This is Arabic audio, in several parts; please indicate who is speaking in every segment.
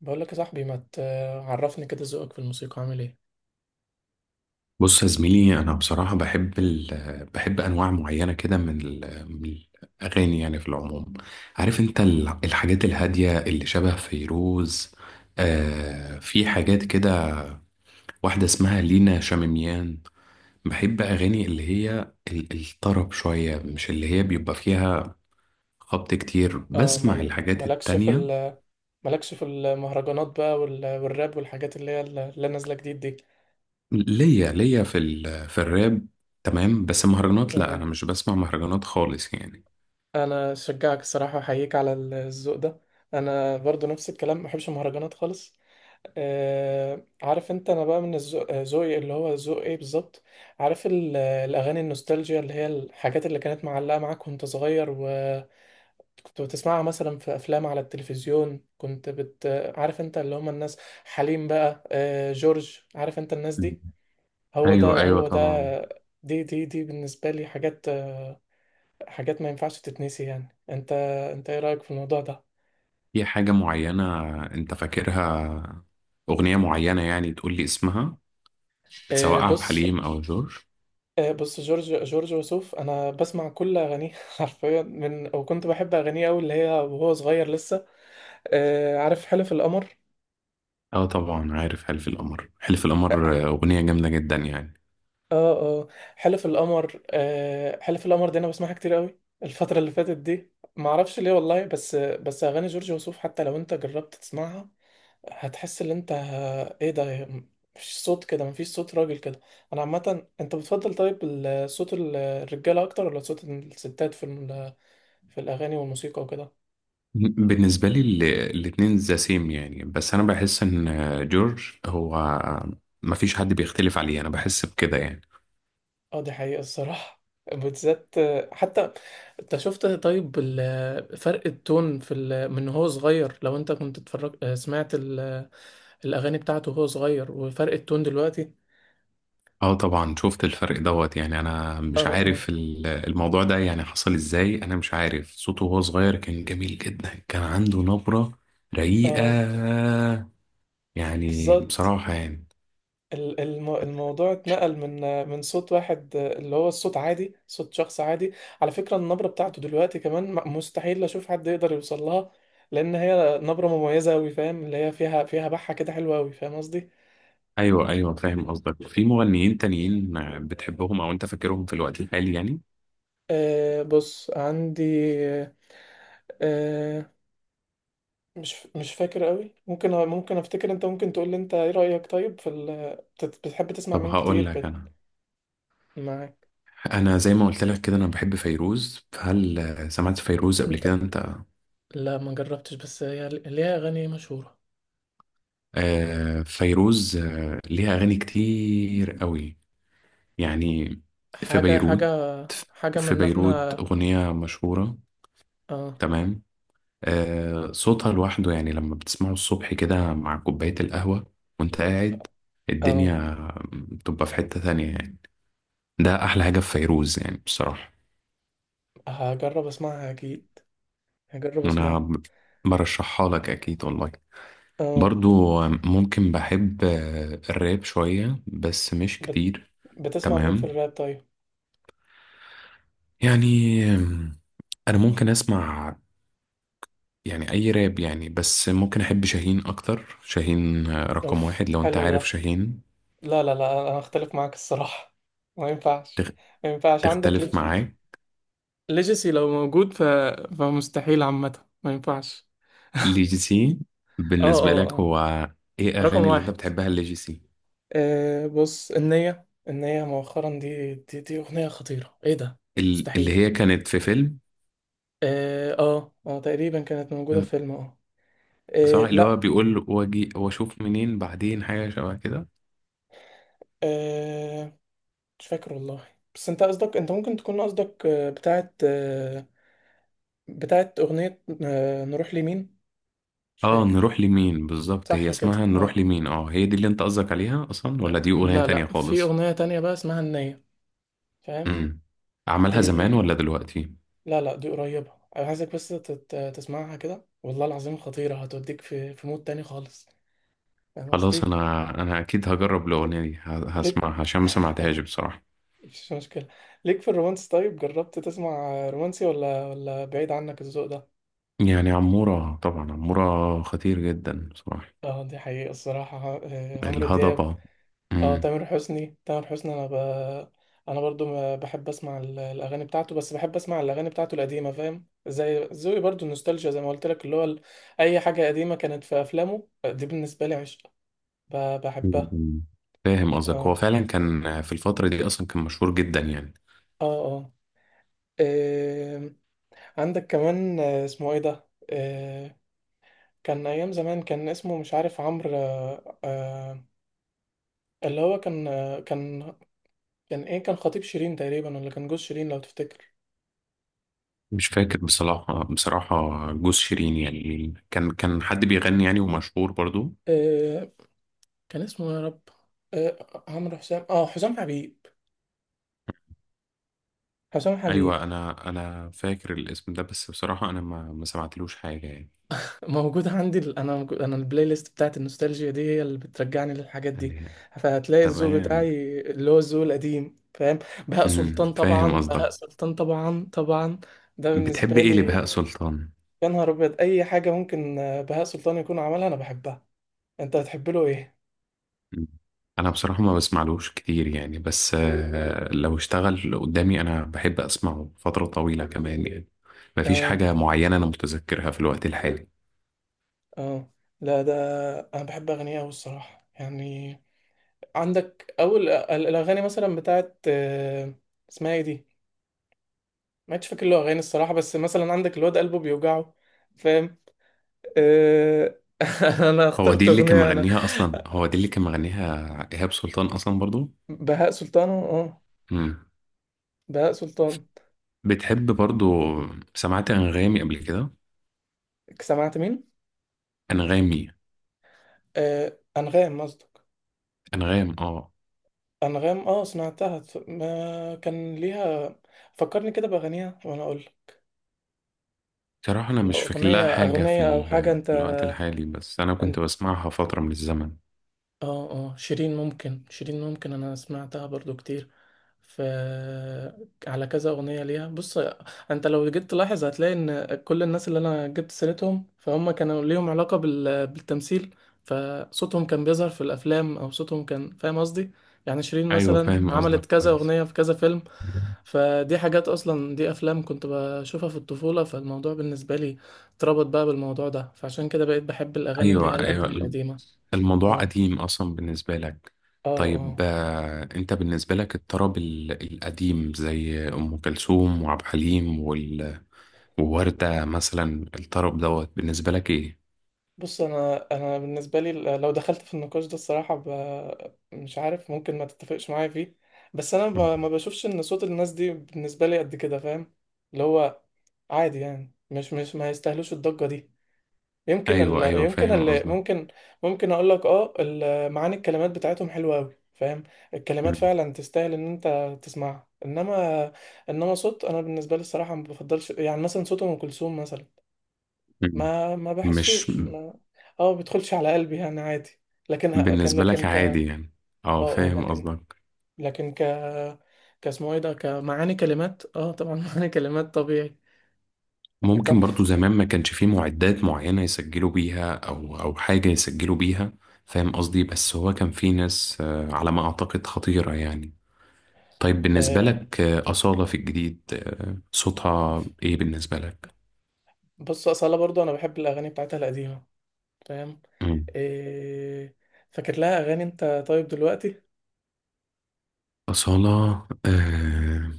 Speaker 1: بقول لك يا صاحبي، ما تعرفني كده ذوقك في الموسيقى عامل ايه؟
Speaker 2: بص يا زميلي، انا بصراحه بحب بحب انواع معينه كده من الاغاني يعني في العموم. عارف انت الحاجات الهاديه اللي شبه فيروز. آه، في حاجات كده. واحده اسمها لينا شاميميان. بحب اغاني اللي هي الطرب شويه، مش اللي هي بيبقى فيها خبط كتير.
Speaker 1: اه،
Speaker 2: بسمع الحاجات
Speaker 1: مالكش في
Speaker 2: التانية.
Speaker 1: مالكش في المهرجانات بقى والراب والحاجات اللي هي اللي نازله جديد دي؟
Speaker 2: ليا في الراب، تمام. بس مهرجانات لا،
Speaker 1: اه،
Speaker 2: انا مش بسمع مهرجانات خالص يعني.
Speaker 1: انا اشجعك الصراحه، احييك على الذوق ده. انا برضو نفس الكلام، ما بحبش المهرجانات خالص. اه، عارف انت، انا بقى من ذوقي اللي هو ذوق ايه بالظبط؟ عارف الاغاني النوستالجيا اللي هي الحاجات اللي كانت معلقه معاك وانت صغير، كنت بتسمعها مثلا في افلام على التلفزيون، كنت بت، عارف انت اللي هم الناس، حليم بقى، جورج، عارف انت الناس دي. هو
Speaker 2: ايوه،
Speaker 1: ده،
Speaker 2: ايوه،
Speaker 1: هو ده.
Speaker 2: طبعا.
Speaker 1: دي بالنسبة لي حاجات، حاجات ما ينفعش تتنسي يعني. انت، انت ايه رأيك في الموضوع ده؟
Speaker 2: في حاجة معينة أنت فاكرها؟ أغنية معينة يعني تقول لي اسمها؟ سواء عبد
Speaker 1: بص.
Speaker 2: الحليم أو جورج؟
Speaker 1: بص، جورج وسوف انا بسمع كل اغانيه حرفيا، من وكنت بحب اغانيه قوي اللي هي وهو صغير لسه. عارف حلف القمر.
Speaker 2: أه، طبعا عارف حلف القمر. حلف القمر أغنية جامدة جدا يعني.
Speaker 1: اه، اه، حلف القمر، حلف القمر دي انا بسمعها كتير قوي الفترة اللي فاتت دي، ما اعرفش ليه والله، بس اغاني جورج وسوف حتى لو انت جربت تسمعها، هتحس ان انت، ايه ده؟ مش صوت كده، مفيش صوت راجل كده. انا عامة، انت بتفضل طيب صوت الرجالة اكتر ولا صوت الستات في في الاغاني والموسيقى وكده؟
Speaker 2: بالنسبة لي الاتنين ذا سيم يعني. بس أنا بحس إن جورج هو، مفيش حد بيختلف عليه، أنا بحس بكده يعني.
Speaker 1: اه، دي حقيقة الصراحة بالذات. حتى، انت شفت طيب فرق التون في من هو صغير، لو انت كنت اتفرج سمعت الاغاني بتاعته وهو صغير وفرق التون دلوقتي؟
Speaker 2: اه، طبعا شفت الفرق دوت يعني. انا
Speaker 1: اه،
Speaker 2: مش
Speaker 1: اه،
Speaker 2: عارف الموضوع ده يعني حصل ازاي. انا مش عارف، صوته وهو صغير كان جميل جدا، كان عنده نبرة رقيقة،
Speaker 1: اه،
Speaker 2: يعني
Speaker 1: بالظبط.
Speaker 2: بصراحة يعني.
Speaker 1: الموضوع اتنقل من، من صوت واحد اللي هو الصوت عادي، صوت شخص عادي. على فكرة النبرة بتاعته دلوقتي كمان، مستحيل اشوف حد يقدر يوصل لها، لان هي نبرة مميزة اوي، فاهم اللي هي فيها، بحة كده حلوة اوي، فاهم قصدي؟
Speaker 2: ايوه، ايوه فاهم قصدك. في مغنيين تانيين بتحبهم او انت فاكرهم في الوقت الحالي يعني؟
Speaker 1: أه، بص عندي. أه، مش فاكر قوي، ممكن، افتكر. انت ممكن تقول لي، انت ايه رأيك طيب في ال...؟ بتحب تسمع
Speaker 2: طب
Speaker 1: مين
Speaker 2: هقول
Speaker 1: كتير
Speaker 2: لك
Speaker 1: بت...
Speaker 2: انا
Speaker 1: معاك.
Speaker 2: انا زي ما قلت لك كده، انا بحب فيروز. فهل سمعت فيروز قبل كده
Speaker 1: انت،
Speaker 2: انت؟
Speaker 1: لا ما جربتش، بس هي ليها اغاني مشهورة.
Speaker 2: آه فيروز، آه ليها اغاني كتير قوي يعني. في بيروت،
Speaker 1: حاجة حاجة، من
Speaker 2: في
Speaker 1: ان
Speaker 2: بيروت
Speaker 1: احنا،
Speaker 2: أغنية مشهورة.
Speaker 1: اه،
Speaker 2: تمام. آه، صوتها لوحده يعني، لما بتسمعه الصبح كده مع كوباية القهوة وانت قاعد،
Speaker 1: اه،
Speaker 2: الدنيا بتبقى في حتة تانية يعني. ده أحلى حاجة في فيروز يعني بصراحة.
Speaker 1: هجرب اسمعها اكيد، هجرب
Speaker 2: أنا
Speaker 1: اسمعها.
Speaker 2: برشحها لك أكيد والله.
Speaker 1: اه،
Speaker 2: برضو ممكن بحب الراب شوية بس مش
Speaker 1: بت...
Speaker 2: كتير.
Speaker 1: بتسمع مين في
Speaker 2: تمام
Speaker 1: الراب طيب؟
Speaker 2: يعني. أنا ممكن أسمع يعني اي راب يعني. بس ممكن احب شاهين اكتر. شاهين رقم
Speaker 1: اوف،
Speaker 2: واحد لو انت
Speaker 1: حلو
Speaker 2: عارف
Speaker 1: ده.
Speaker 2: شاهين.
Speaker 1: لا، لا، لا، انا اختلف معاك الصراحة. ما ينفعش.
Speaker 2: تخ-
Speaker 1: ما ينفعش عندك ليه؟
Speaker 2: تختلف معاه؟
Speaker 1: ليجاسي لو موجود ف... فمستحيل عامة، ما ينفعش.
Speaker 2: ليجيسي،
Speaker 1: اه،
Speaker 2: بالنسبة
Speaker 1: اه،
Speaker 2: لك
Speaker 1: اه،
Speaker 2: هو ايه
Speaker 1: رقم
Speaker 2: اغاني اللي انت
Speaker 1: واحد.
Speaker 2: بتحبها ليجيسي؟
Speaker 1: بص، النية، النية مؤخرا، دي أغنية خطيرة. ايه ده؟
Speaker 2: اللي
Speaker 1: مستحيل.
Speaker 2: هي كانت في فيلم؟
Speaker 1: اه، اه، تقريبا كانت موجودة في
Speaker 2: آه،
Speaker 1: فيلم، اه.
Speaker 2: صح، اللي هو
Speaker 1: لا.
Speaker 2: بيقول واجي واشوف منين بعدين، حاجة شبه كده.
Speaker 1: آه، مش فاكر والله. بس انت قصدك، انت ممكن تكون قصدك بتاعت، بتاعت أغنية، نروح لمين. مش
Speaker 2: اه،
Speaker 1: فاكر.
Speaker 2: نروح لمين بالظبط. هي
Speaker 1: صح
Speaker 2: اسمها
Speaker 1: كده،
Speaker 2: نروح
Speaker 1: اه.
Speaker 2: لمين؟ اه، هي دي اللي انت قصدك عليها اصلا ولا دي اغنية
Speaker 1: لا،
Speaker 2: تانية
Speaker 1: لا، في
Speaker 2: خالص؟
Speaker 1: أغنية تانية بقى اسمها النية، فاهم؟
Speaker 2: امم عملها زمان
Speaker 1: دي،
Speaker 2: ولا دلوقتي؟
Speaker 1: لا، لا، دي قريبة. أنا عايزك بس تسمعها كده والله العظيم، خطيرة، هتوديك في مود تاني خالص. فاهم
Speaker 2: خلاص
Speaker 1: قصدي؟
Speaker 2: انا اكيد هجرب الاغنيه
Speaker 1: ليك،
Speaker 2: دي.
Speaker 1: ليك
Speaker 2: هسمعها عشان ما سمعتهاش بصراحه.
Speaker 1: مش مشكلة. ليك في الرومانس، طيب جربت تسمع رومانسي، ولا بعيد عنك الذوق ده؟
Speaker 2: يعني عموره طبعا، عموره خطير جدا بصراحه.
Speaker 1: اه، دي حقيقة الصراحة، عمرو دياب.
Speaker 2: الهضبه.
Speaker 1: اه،
Speaker 2: امم
Speaker 1: تامر حسني، تامر حسني، أنا ب... أنا برضو ما بحب أسمع الأغاني بتاعته، بس بحب أسمع الأغاني بتاعته القديمة. فاهم؟ زي ذوقي برضو النوستالجيا، زي ما قلت لك اللي هو ال-، أي حاجة قديمة كانت في أفلامه دي بالنسبة لي عشق، بحبها.
Speaker 2: أمم. فاهم قصدك. هو
Speaker 1: اه،
Speaker 2: فعلا كان في الفتره دي، اصلا كان مشهور جدا يعني.
Speaker 1: اه، اه، آم، عندك كمان، اسمه ايه ده، كان ايام زمان، كان اسمه مش عارف، عمرو، اللي هو كان، كان، كان ايه، كان خطيب شيرين تقريبا ولا كان جوز شيرين لو تفتكر؟
Speaker 2: مش فاكر بصراحه، بصراحه. جوز شيرين يعني كان حد بيغني يعني ومشهور برضو؟
Speaker 1: آه، كان اسمه إيه يا رب، عمرو حسام، حسام حبيب، حسام
Speaker 2: ايوه،
Speaker 1: حبيب.
Speaker 2: انا فاكر الاسم ده. بس بصراحه انا ما سمعتلوش حاجه يعني.
Speaker 1: موجود عندي انا البلاي ليست بتاعت النوستالجيا دي هي اللي بترجعني للحاجات دي.
Speaker 2: اللي هي.
Speaker 1: فهتلاقي الذوق
Speaker 2: تمام.
Speaker 1: بتاعي اللي هو الذوق القديم، فاهم؟ بهاء سلطان
Speaker 2: فاهم
Speaker 1: طبعا،
Speaker 2: قصدك.
Speaker 1: بهاء سلطان، طبعا، طبعا. ده
Speaker 2: بتحب
Speaker 1: بالنسبه
Speaker 2: ايه
Speaker 1: لي.
Speaker 2: لبهاء سلطان؟
Speaker 1: يا نهار ابيض، اي حاجه ممكن بهاء سلطان يكون عملها انا بحبها. انت بتحب له ايه؟
Speaker 2: انا بصراحة ما بسمعلوش كتير يعني، بس لو اشتغل قدامي انا بحب اسمعه فترة طويلة كمان يعني. مفيش
Speaker 1: اه،
Speaker 2: حاجة معينة انا متذكرها في الوقت الحالي.
Speaker 1: اه، لا ده، انا بحب اغانيه قوي الصراحه يعني. عندك اول الاغاني مثلا بتاعت، اسمها ايه دي؟ ما عادش فاكر له اغاني الصراحه، بس مثلا عندك الواد قلبه بيوجعه، فاهم؟ آه... انا
Speaker 2: هو
Speaker 1: اخترت
Speaker 2: دي اللي كان
Speaker 1: اغنيه انا.
Speaker 2: مغنيها اصلا، هو دي اللي كان مغنيها ايهاب سلطان اصلا برضو.
Speaker 1: بهاء سلطان، اه.
Speaker 2: مم.
Speaker 1: بهاء سلطان.
Speaker 2: بتحب برضو؟ سمعت انغامي قبل كده؟
Speaker 1: سمعت مين؟
Speaker 2: انغامي
Speaker 1: انغام قصدك.
Speaker 2: انغام، اه.
Speaker 1: انغام، اه، سمعتها. ما كان ليها، فكرني كده باغانيها وانا اقول لك.
Speaker 2: بصراحة انا
Speaker 1: لو
Speaker 2: مش فاكر لها حاجة في
Speaker 1: اغنيه او حاجه.
Speaker 2: ال- في الوقت الحالي، بس انا كنت
Speaker 1: انت،
Speaker 2: بسمعها فترة من الزمن.
Speaker 1: اه، اه، شيرين ممكن، انا سمعتها برضو كتير. ف، على كذا اغنيه ليها، بص. انت لو جيت تلاحظ، هتلاقي ان كل الناس اللي انا جبت سيرتهم فهم كانوا ليهم علاقه بالتمثيل. فصوتهم كان بيظهر في الافلام، او صوتهم كان، فاهم قصدي؟ يعني شيرين
Speaker 2: ايوه،
Speaker 1: مثلا
Speaker 2: فاهم قصدك
Speaker 1: عملت كذا
Speaker 2: كويس.
Speaker 1: اغنيه في كذا فيلم. فدي حاجات اصلا، دي افلام كنت بشوفها في الطفوله، فالموضوع بالنسبه لي اتربط بقى بالموضوع ده، فعشان كده بقيت بحب الاغاني اللي هي
Speaker 2: ايوه،
Speaker 1: الاغاني
Speaker 2: ايوه،
Speaker 1: القديمه.
Speaker 2: الموضوع
Speaker 1: اه،
Speaker 2: قديم اصلا بالنسبه لك.
Speaker 1: اه،
Speaker 2: طيب،
Speaker 1: اه،
Speaker 2: انت بالنسبه لك الطرب القديم زي ام كلثوم وعبد الحليم ووردة مثلا، الطرب دوت بالنسبه لك ايه؟
Speaker 1: بص، انا بالنسبه لي، لو دخلت في النقاش ده الصراحه ب... مش عارف، ممكن ما تتفقش معايا فيه، بس انا
Speaker 2: مم.
Speaker 1: ب... ما بشوفش ان صوت الناس دي بالنسبه لي قد كده، فاهم؟ اللي هو، عادي يعني، مش ما يستاهلوش الضجه دي. يمكن
Speaker 2: ايوه،
Speaker 1: ال...،
Speaker 2: ايوه فاهم قصدك.
Speaker 1: ممكن، ممكن اقول لك، اه، ال...، معاني الكلمات بتاعتهم حلوه قوي، فاهم؟ الكلمات
Speaker 2: مم.
Speaker 1: فعلا تستاهل ان انت تسمعها، انما، انما صوت، انا بالنسبه لي الصراحه ما بفضلش، يعني مثلا صوت ام كلثوم مثلا،
Speaker 2: مم.
Speaker 1: ما
Speaker 2: مش.
Speaker 1: بحسوش، ما، اه، ما بيدخلش على قلبي يعني، عادي. لكن ه- كان
Speaker 2: بالنسبه لك
Speaker 1: لكن ك
Speaker 2: عادي
Speaker 1: اه
Speaker 2: يعني. اه،
Speaker 1: اه
Speaker 2: فاهم
Speaker 1: لكن
Speaker 2: قصدك.
Speaker 1: لكن، كاسمه ايه ده، كمعاني كلمات، طبعا معاني كلمات طبيعي.
Speaker 2: ممكن
Speaker 1: تحفة.
Speaker 2: برضو زمان ما كانش فيه معدات معينة يسجلوا بيها أو حاجة يسجلوا بيها. فاهم قصدي. بس هو كان فيه ناس، على ما أعتقد، خطيرة يعني. طيب بالنسبة
Speaker 1: آه
Speaker 2: لك أصالة في الجديد، صوتها
Speaker 1: أوف.
Speaker 2: إيه بالنسبة لك؟
Speaker 1: بص، أصالة برضو أنا بحب الأغاني بتاعتها القديمة، فاهم؟
Speaker 2: مم.
Speaker 1: إيه...، فاكر لها أغاني أنت طيب دلوقتي؟
Speaker 2: أصالة،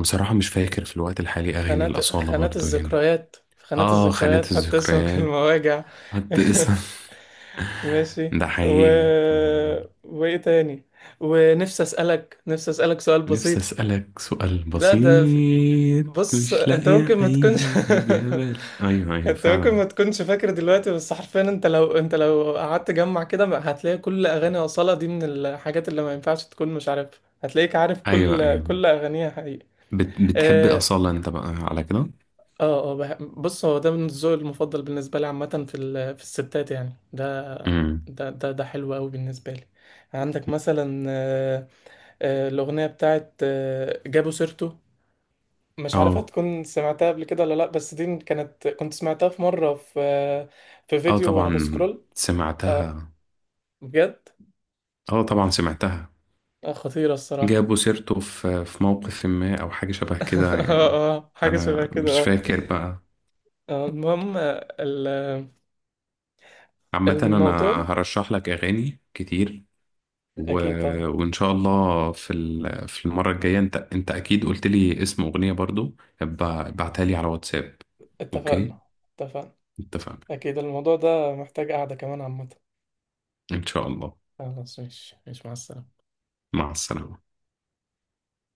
Speaker 2: بصراحة مش فاكر في الوقت الحالي أغاني الأصالة
Speaker 1: خانات
Speaker 2: برضو هنا.
Speaker 1: الذكريات، خانات
Speaker 2: آه، خانة
Speaker 1: الذكريات، حتى اسمك
Speaker 2: الذكريات.
Speaker 1: المواجع.
Speaker 2: حد اسم.
Speaker 1: ماشي
Speaker 2: ده
Speaker 1: و...،
Speaker 2: حقيقي.
Speaker 1: وايه تاني، ونفسي اسالك، نفسي اسالك سؤال
Speaker 2: نفسي
Speaker 1: بسيط.
Speaker 2: أسألك سؤال
Speaker 1: لا، ده في-،
Speaker 2: بسيط.
Speaker 1: بص
Speaker 2: مش
Speaker 1: انت
Speaker 2: لاقية
Speaker 1: ممكن ما تكونش،
Speaker 2: أي إجابة لي. أيوه، أيوه
Speaker 1: انت ممكن
Speaker 2: فعلا.
Speaker 1: ما تكونش فاكر دلوقتي، بس حرفيا انت لو، انت لو قعدت تجمع كده ما-، هتلاقي كل اغاني اصالة دي من الحاجات اللي ما ينفعش تكون مش عارفها، هتلاقيك عارف
Speaker 2: أيوه،
Speaker 1: كل،
Speaker 2: أيوه،
Speaker 1: اغانيها حقيقي.
Speaker 2: بتحب
Speaker 1: آه،
Speaker 2: أصالة أنت بقى على كده؟
Speaker 1: اه، اه، بص، هو ده من الذوق المفضل بالنسبه لي عامه في في الستات يعني.
Speaker 2: امم.
Speaker 1: ده حلو قوي بالنسبه لي. عندك مثلا، الاغنيه بتاعت، جابوا سيرته. مش عارف
Speaker 2: أه،
Speaker 1: هتكون سمعتها قبل كده ولا لا، بس دي كانت، سمعتها في مره في، في
Speaker 2: أه
Speaker 1: فيديو وانا
Speaker 2: طبعا
Speaker 1: بسكرول. اه،
Speaker 2: سمعتها.
Speaker 1: بجد.
Speaker 2: أه طبعا سمعتها.
Speaker 1: خطيره الصراحه.
Speaker 2: جابوا سيرته في موقف ما أو حاجة شبه كده يعني.
Speaker 1: اه، اه، حاجه شبه
Speaker 2: أنا
Speaker 1: كده،
Speaker 2: مش
Speaker 1: اه.
Speaker 2: فاكر بقى.
Speaker 1: المهم،
Speaker 2: عامة أنا
Speaker 1: الموضوع.
Speaker 2: هرشح لك أغاني كتير و...
Speaker 1: اكيد طبعا.
Speaker 2: وان شاء الله في المره الجايه، انت اكيد قلت لي اسم اغنيه برضو. ابعتها لي على واتساب. اوكي.
Speaker 1: اتفقنا. اتفقنا.
Speaker 2: اتفقنا.
Speaker 1: أكيد الموضوع ده محتاج قعدة كمان عامة.
Speaker 2: ان شاء الله.
Speaker 1: خلاص، مش مع السلامة.
Speaker 2: مع السلامه.